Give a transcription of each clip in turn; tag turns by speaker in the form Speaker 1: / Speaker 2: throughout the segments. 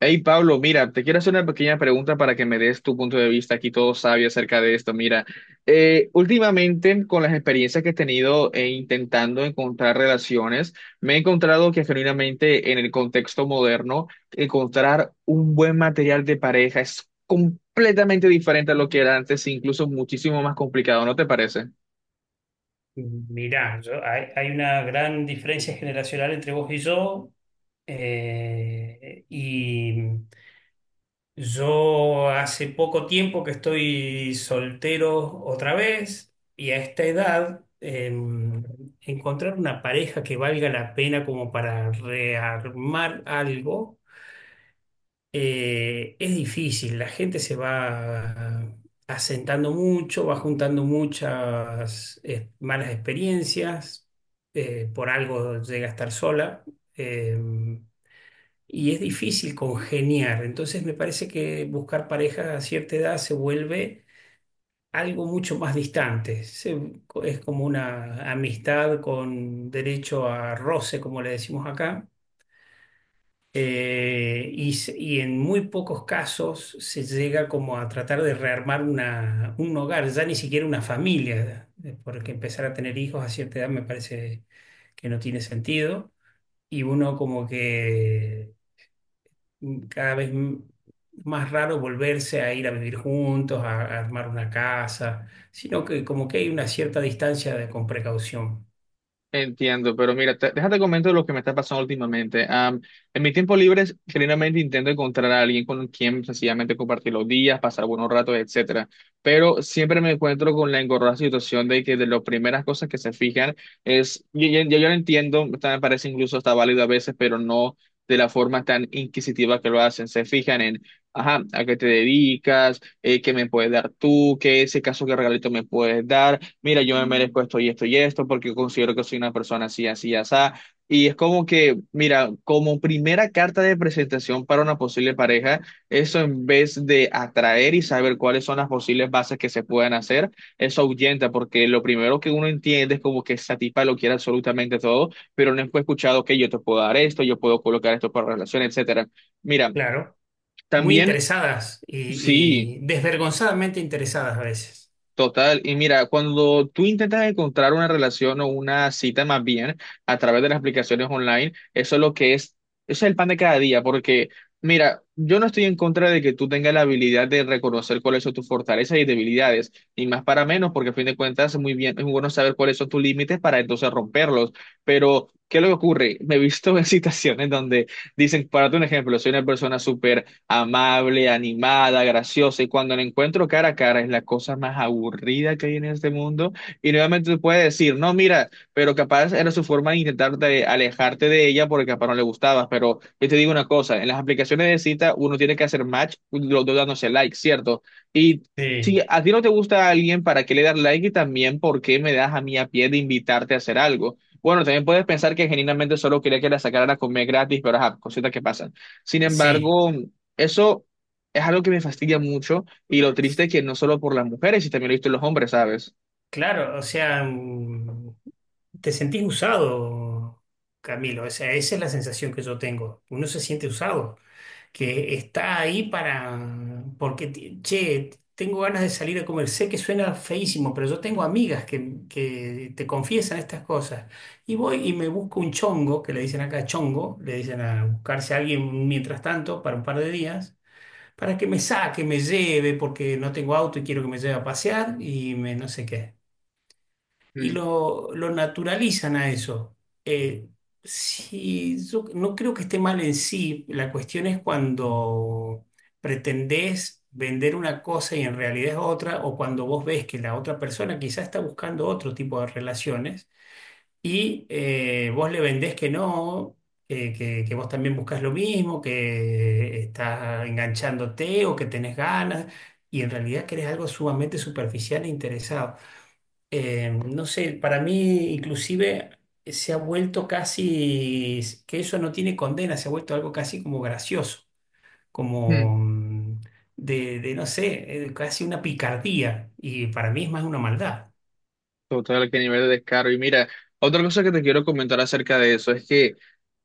Speaker 1: Hey Pablo, mira, te quiero hacer una pequeña pregunta para que me des tu punto de vista aquí todo sabio acerca de esto. Mira, últimamente con las experiencias que he tenido e intentando encontrar relaciones, me he encontrado que genuinamente en el contexto moderno, encontrar un buen material de pareja es completamente diferente a lo que era antes, e incluso muchísimo más complicado, ¿no te parece?
Speaker 2: Mirá, hay una gran diferencia generacional entre vos y yo. Y yo hace poco tiempo que estoy soltero otra vez y a esta edad, encontrar una pareja que valga la pena como para rearmar algo. Es difícil, la gente se va asentando mucho, va juntando muchas malas experiencias, por algo llega a estar sola, eh, y es difícil congeniar. Entonces me parece que buscar pareja a cierta edad se vuelve algo mucho más distante. Es como una amistad con derecho a roce, como le decimos acá, y en muy pocos casos se llega como a tratar de rearmar un hogar, ya ni siquiera una familia, porque empezar a tener hijos a cierta edad me parece que no tiene sentido. Y uno como que cada vez más raro volverse a ir a vivir juntos, a armar una casa, sino que como que hay una cierta distancia con precaución.
Speaker 1: Entiendo, pero mira, déjate comento lo que me está pasando últimamente. En mi tiempo libre, generalmente intento encontrar a alguien con quien sencillamente compartir los días, pasar buenos ratos, etcétera. Pero siempre me encuentro con la engorrosa situación de que de las primeras cosas que se fijan es, yo, yo lo entiendo, hasta me parece incluso está válido a veces, pero no de la forma tan inquisitiva que lo hacen. Se fijan en, ajá, ¿a qué te dedicas? ¿Qué me puedes dar tú? ¿Qué ese caso, qué regalito me puedes dar? Mira, yo me merezco esto y esto y esto porque considero que soy una persona así, así, así. Y es como que, mira, como primera carta de presentación para una posible pareja, eso en vez de atraer y saber cuáles son las posibles bases que se pueden hacer, eso ahuyenta porque lo primero que uno entiende es como que esa tipa lo quiere absolutamente todo, pero no fue escuchado que yo te puedo dar esto, yo puedo colocar esto para relación, etcétera. Mira,
Speaker 2: Claro, muy
Speaker 1: también...
Speaker 2: interesadas y,
Speaker 1: Sí,
Speaker 2: y desvergonzadamente interesadas a veces.
Speaker 1: total, y mira, cuando tú intentas encontrar una relación o una cita más bien a través de las aplicaciones online, eso es lo que es, eso es el pan de cada día, porque mira, yo no estoy en contra de que tú tengas la habilidad de reconocer cuáles son tus fortalezas y debilidades, ni más para menos, porque a fin de cuentas es muy bien, es muy bueno saber cuáles son tus límites para entonces romperlos, pero ¿qué es lo que ocurre? Me he visto en situaciones donde dicen, para un ejemplo, soy una persona súper amable, animada, graciosa. Y cuando la encuentro cara a cara es la cosa más aburrida que hay en este mundo. Y nuevamente te puede decir, no, mira, pero capaz era su forma de intentar de alejarte de ella porque capaz no le gustabas. Pero yo te digo una cosa, en las aplicaciones de cita uno tiene que hacer match, los dos dándose like, ¿cierto? Y si
Speaker 2: Sí.
Speaker 1: a ti no te gusta a alguien, ¿para qué le das like? Y también, ¿por qué me das a mí a pie de invitarte a hacer algo? Bueno, también puedes pensar que genuinamente solo quería que la sacaran a comer gratis, pero ajá, cositas que pasan. Sin
Speaker 2: Sí,
Speaker 1: embargo, eso es algo que me fastidia mucho y lo triste es que no solo por las mujeres, y también lo he visto en los hombres, ¿sabes?
Speaker 2: claro, o sea, te sentís usado, Camilo, o sea, esa es la sensación que yo tengo. Uno se siente usado, que está ahí para, porque, che, tengo ganas de salir a comer. Sé que suena feísimo, pero yo tengo amigas que te confiesan estas cosas. Y voy y me busco un chongo, que le dicen acá chongo, le dicen a buscarse a alguien mientras tanto para un par de días. Para que me saque, me lleve, porque no tengo auto y quiero que me lleve a pasear y me no sé qué. Y
Speaker 1: Mm,
Speaker 2: lo naturalizan a eso. Eh, sí, yo no creo que esté mal en sí, la cuestión es cuando pretendés vender una cosa y en realidad es otra, o cuando vos ves que la otra persona quizás está buscando otro tipo de relaciones y, vos le vendés que no, que vos también buscas lo mismo, que estás enganchándote o que tenés ganas, y en realidad que eres algo sumamente superficial e interesado. No sé, para mí inclusive se ha vuelto casi, que eso no tiene condena, se ha vuelto algo casi como gracioso,
Speaker 1: mm.
Speaker 2: como de, no sé, casi una picardía, y para mí es más una maldad.
Speaker 1: Total, qué nivel de descaro. Y mira, otra cosa que te quiero comentar acerca de eso es que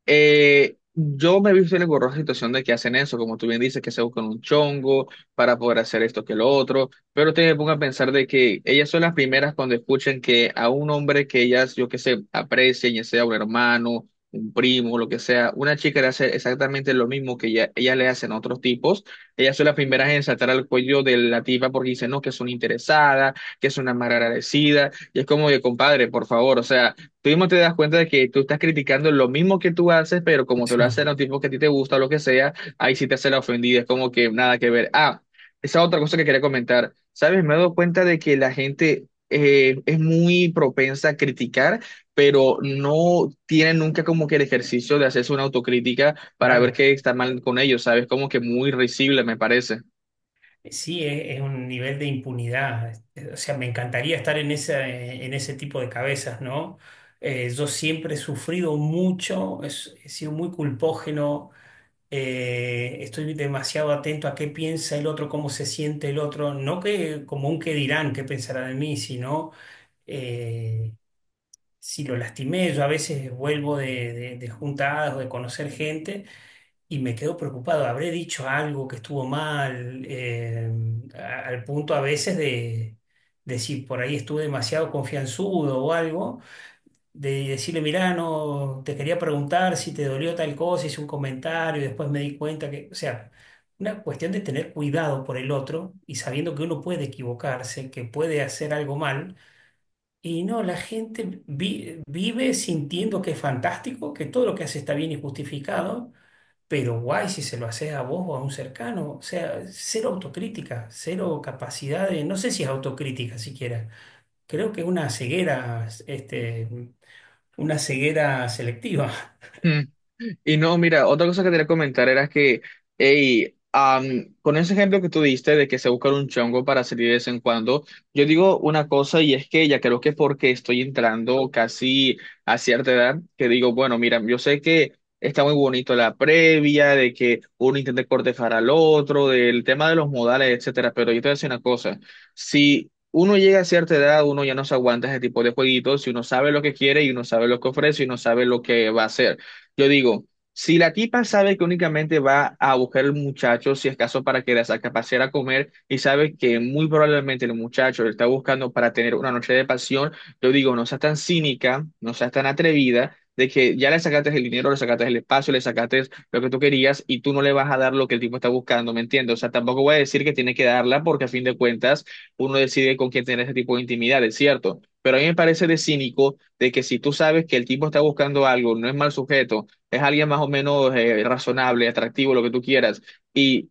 Speaker 1: Yo me he visto en la engorrosa situación de que hacen eso, como tú bien dices, que se buscan un chongo para poder hacer esto que lo otro, pero te pongo a pensar de que ellas son las primeras cuando escuchan que a un hombre que ellas, yo que sé, aprecian, ya sea un hermano, un primo, lo que sea, una chica le hace exactamente lo mismo que ella, ellas le hacen a otros tipos, ellas son las primeras en saltar al cuello de la tipa porque dicen, no, que es una interesada, que es una mal agradecida, y es como de, compadre, por favor, o sea. Tú mismo te das cuenta de que tú estás criticando lo mismo que tú haces, pero como te lo
Speaker 2: Sí,
Speaker 1: hacen a un tipo que a ti te gusta o lo que sea, ahí sí te hace la ofendida, es como que nada que ver. Ah, esa otra cosa que quería comentar. ¿Sabes? Me he dado cuenta de que la gente es muy propensa a criticar, pero no tiene nunca como que el ejercicio de hacerse una autocrítica para ver
Speaker 2: claro.
Speaker 1: qué está mal con ellos, ¿sabes? Como que muy risible, me parece.
Speaker 2: Sí, es un nivel de impunidad. O sea, me encantaría estar en en ese tipo de cabezas, ¿no? Yo siempre he sufrido mucho, he sido muy culpógeno. Estoy demasiado atento a qué piensa el otro, cómo se siente el otro, no que como un qué dirán, qué pensará de mí, sino, eh, si lo lastimé. Yo a veces vuelvo de juntadas o de conocer gente y me quedo preocupado, habré dicho algo que estuvo mal. Al punto a veces de, si por ahí estuve demasiado confianzudo o algo, de decirle, mirá, no, te quería preguntar si te dolió tal cosa, hice un comentario y después me di cuenta que, o sea, una cuestión de tener cuidado por el otro y sabiendo que uno puede equivocarse, que puede hacer algo mal. Y no, la gente vive sintiendo que es fantástico, que todo lo que hace está bien y justificado, pero guay si se lo haces a vos o a un cercano. O sea, cero autocrítica, cero capacidad de. No sé si es autocrítica siquiera. Creo que es una ceguera, una ceguera selectiva.
Speaker 1: Y no, mira, otra cosa que quería comentar era que, hey, con ese ejemplo que tú diste de que se busca un chongo para salir de vez en cuando, yo digo una cosa y es que ya creo que es porque estoy entrando casi a cierta edad, que digo, bueno, mira, yo sé que está muy bonito la previa, de que uno intente cortejar al otro, del tema de los modales, etcétera, pero yo te voy a decir una cosa, si uno llega a cierta edad, uno ya no se aguanta ese tipo de jueguitos, si uno sabe lo que quiere y uno sabe lo que ofrece y uno sabe lo que va a hacer. Yo digo, si la tipa sabe que únicamente va a buscar al muchacho, si es caso para que la saque a pasear a comer, y sabe que muy probablemente el muchacho le está buscando para tener una noche de pasión, yo digo, no seas tan cínica, no seas tan atrevida, de que ya le sacaste el dinero, le sacaste el espacio, le sacaste lo que tú querías y tú no le vas a dar lo que el tipo está buscando, ¿me entiendes? O sea, tampoco voy a decir que tiene que darla porque a fin de cuentas uno decide con quién tener ese tipo de intimidad, es cierto. Pero a mí me parece de cínico de que si tú sabes que el tipo está buscando algo, no es mal sujeto, es alguien más o menos razonable, atractivo, lo que tú quieras, y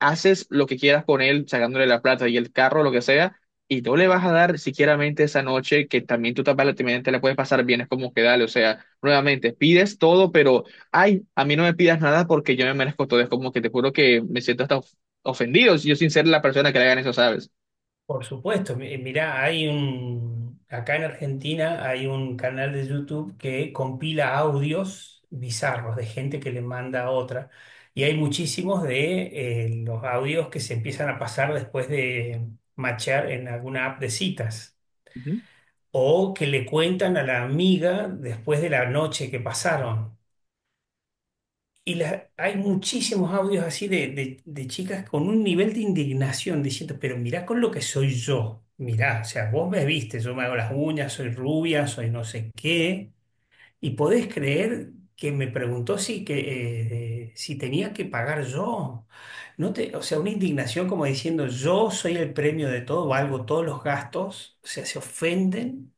Speaker 1: haces lo que quieras con él, sacándole la plata y el carro, lo que sea, y no le vas a dar siquiera mente esa noche que también tú también también te la puedes pasar bien, es como que dale, o sea, nuevamente, pides todo, pero, ay, a mí no me pidas nada porque yo me merezco todo, es como que te juro que me siento hasta ofendido, yo sin ser la persona que le hagan eso, ¿sabes?
Speaker 2: Por supuesto, mirá, acá en Argentina hay un canal de YouTube que compila audios bizarros de gente que le manda a otra. Y hay muchísimos de, los audios que se empiezan a pasar después de machear en alguna app de citas.
Speaker 1: Ujú.
Speaker 2: O que le cuentan a la amiga después de la noche que pasaron. Y hay muchísimos audios así de chicas con un nivel de indignación diciendo, pero mirá con lo que soy yo, mirá, o sea, vos me viste, yo me hago las uñas, soy rubia, soy no sé qué, y podés creer que me preguntó si tenía que pagar yo. No o sea, una indignación como diciendo, yo soy el premio de todo, valgo todos los gastos, o sea, se ofenden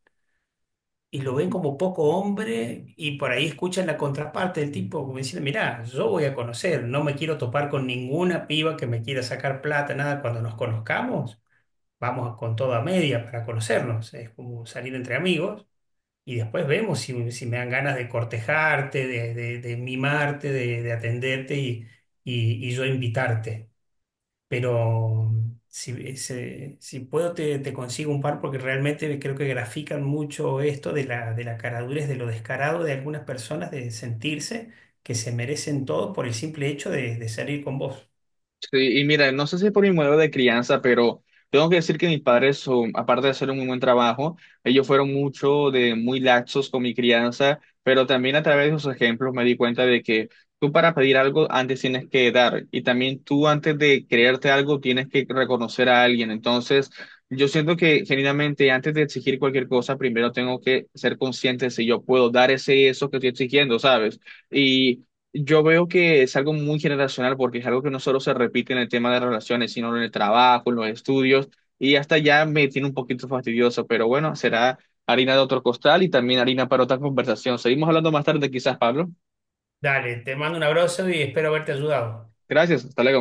Speaker 2: y lo ven como poco hombre. Y por ahí escuchan la contraparte del tipo como diciendo, mirá, yo voy a conocer, no me quiero topar con ninguna piba que me quiera sacar plata, nada, cuando nos conozcamos, vamos con toda media para conocernos, es como salir entre amigos y después vemos si me dan ganas de cortejarte, de mimarte, de atenderte y, y yo invitarte. Pero si puedo te consigo un par, porque realmente creo que grafican mucho esto de la caradurez, de lo descarado de algunas personas, de sentirse que se merecen todo por el simple hecho de salir con vos.
Speaker 1: Sí, y mira, no sé si por mi modelo de crianza, pero tengo que decir que mis padres, son, aparte de hacer un muy buen trabajo, ellos fueron mucho de muy laxos con mi crianza, pero también a través de sus ejemplos me di cuenta de que tú para pedir algo antes tienes que dar y también tú antes de creerte algo tienes que reconocer a alguien. Entonces, yo siento que genuinamente antes de exigir cualquier cosa, primero tengo que ser consciente de si yo puedo dar ese eso que estoy exigiendo, ¿sabes? Y yo veo que es algo muy generacional porque es algo que no solo se repite en el tema de relaciones, sino en el trabajo, en los estudios, y hasta ya me tiene un poquito fastidioso, pero bueno, será harina de otro costal y también harina para otra conversación. Seguimos hablando más tarde quizás, Pablo.
Speaker 2: Dale, te mando un abrazo y espero haberte ayudado.
Speaker 1: Gracias, hasta luego.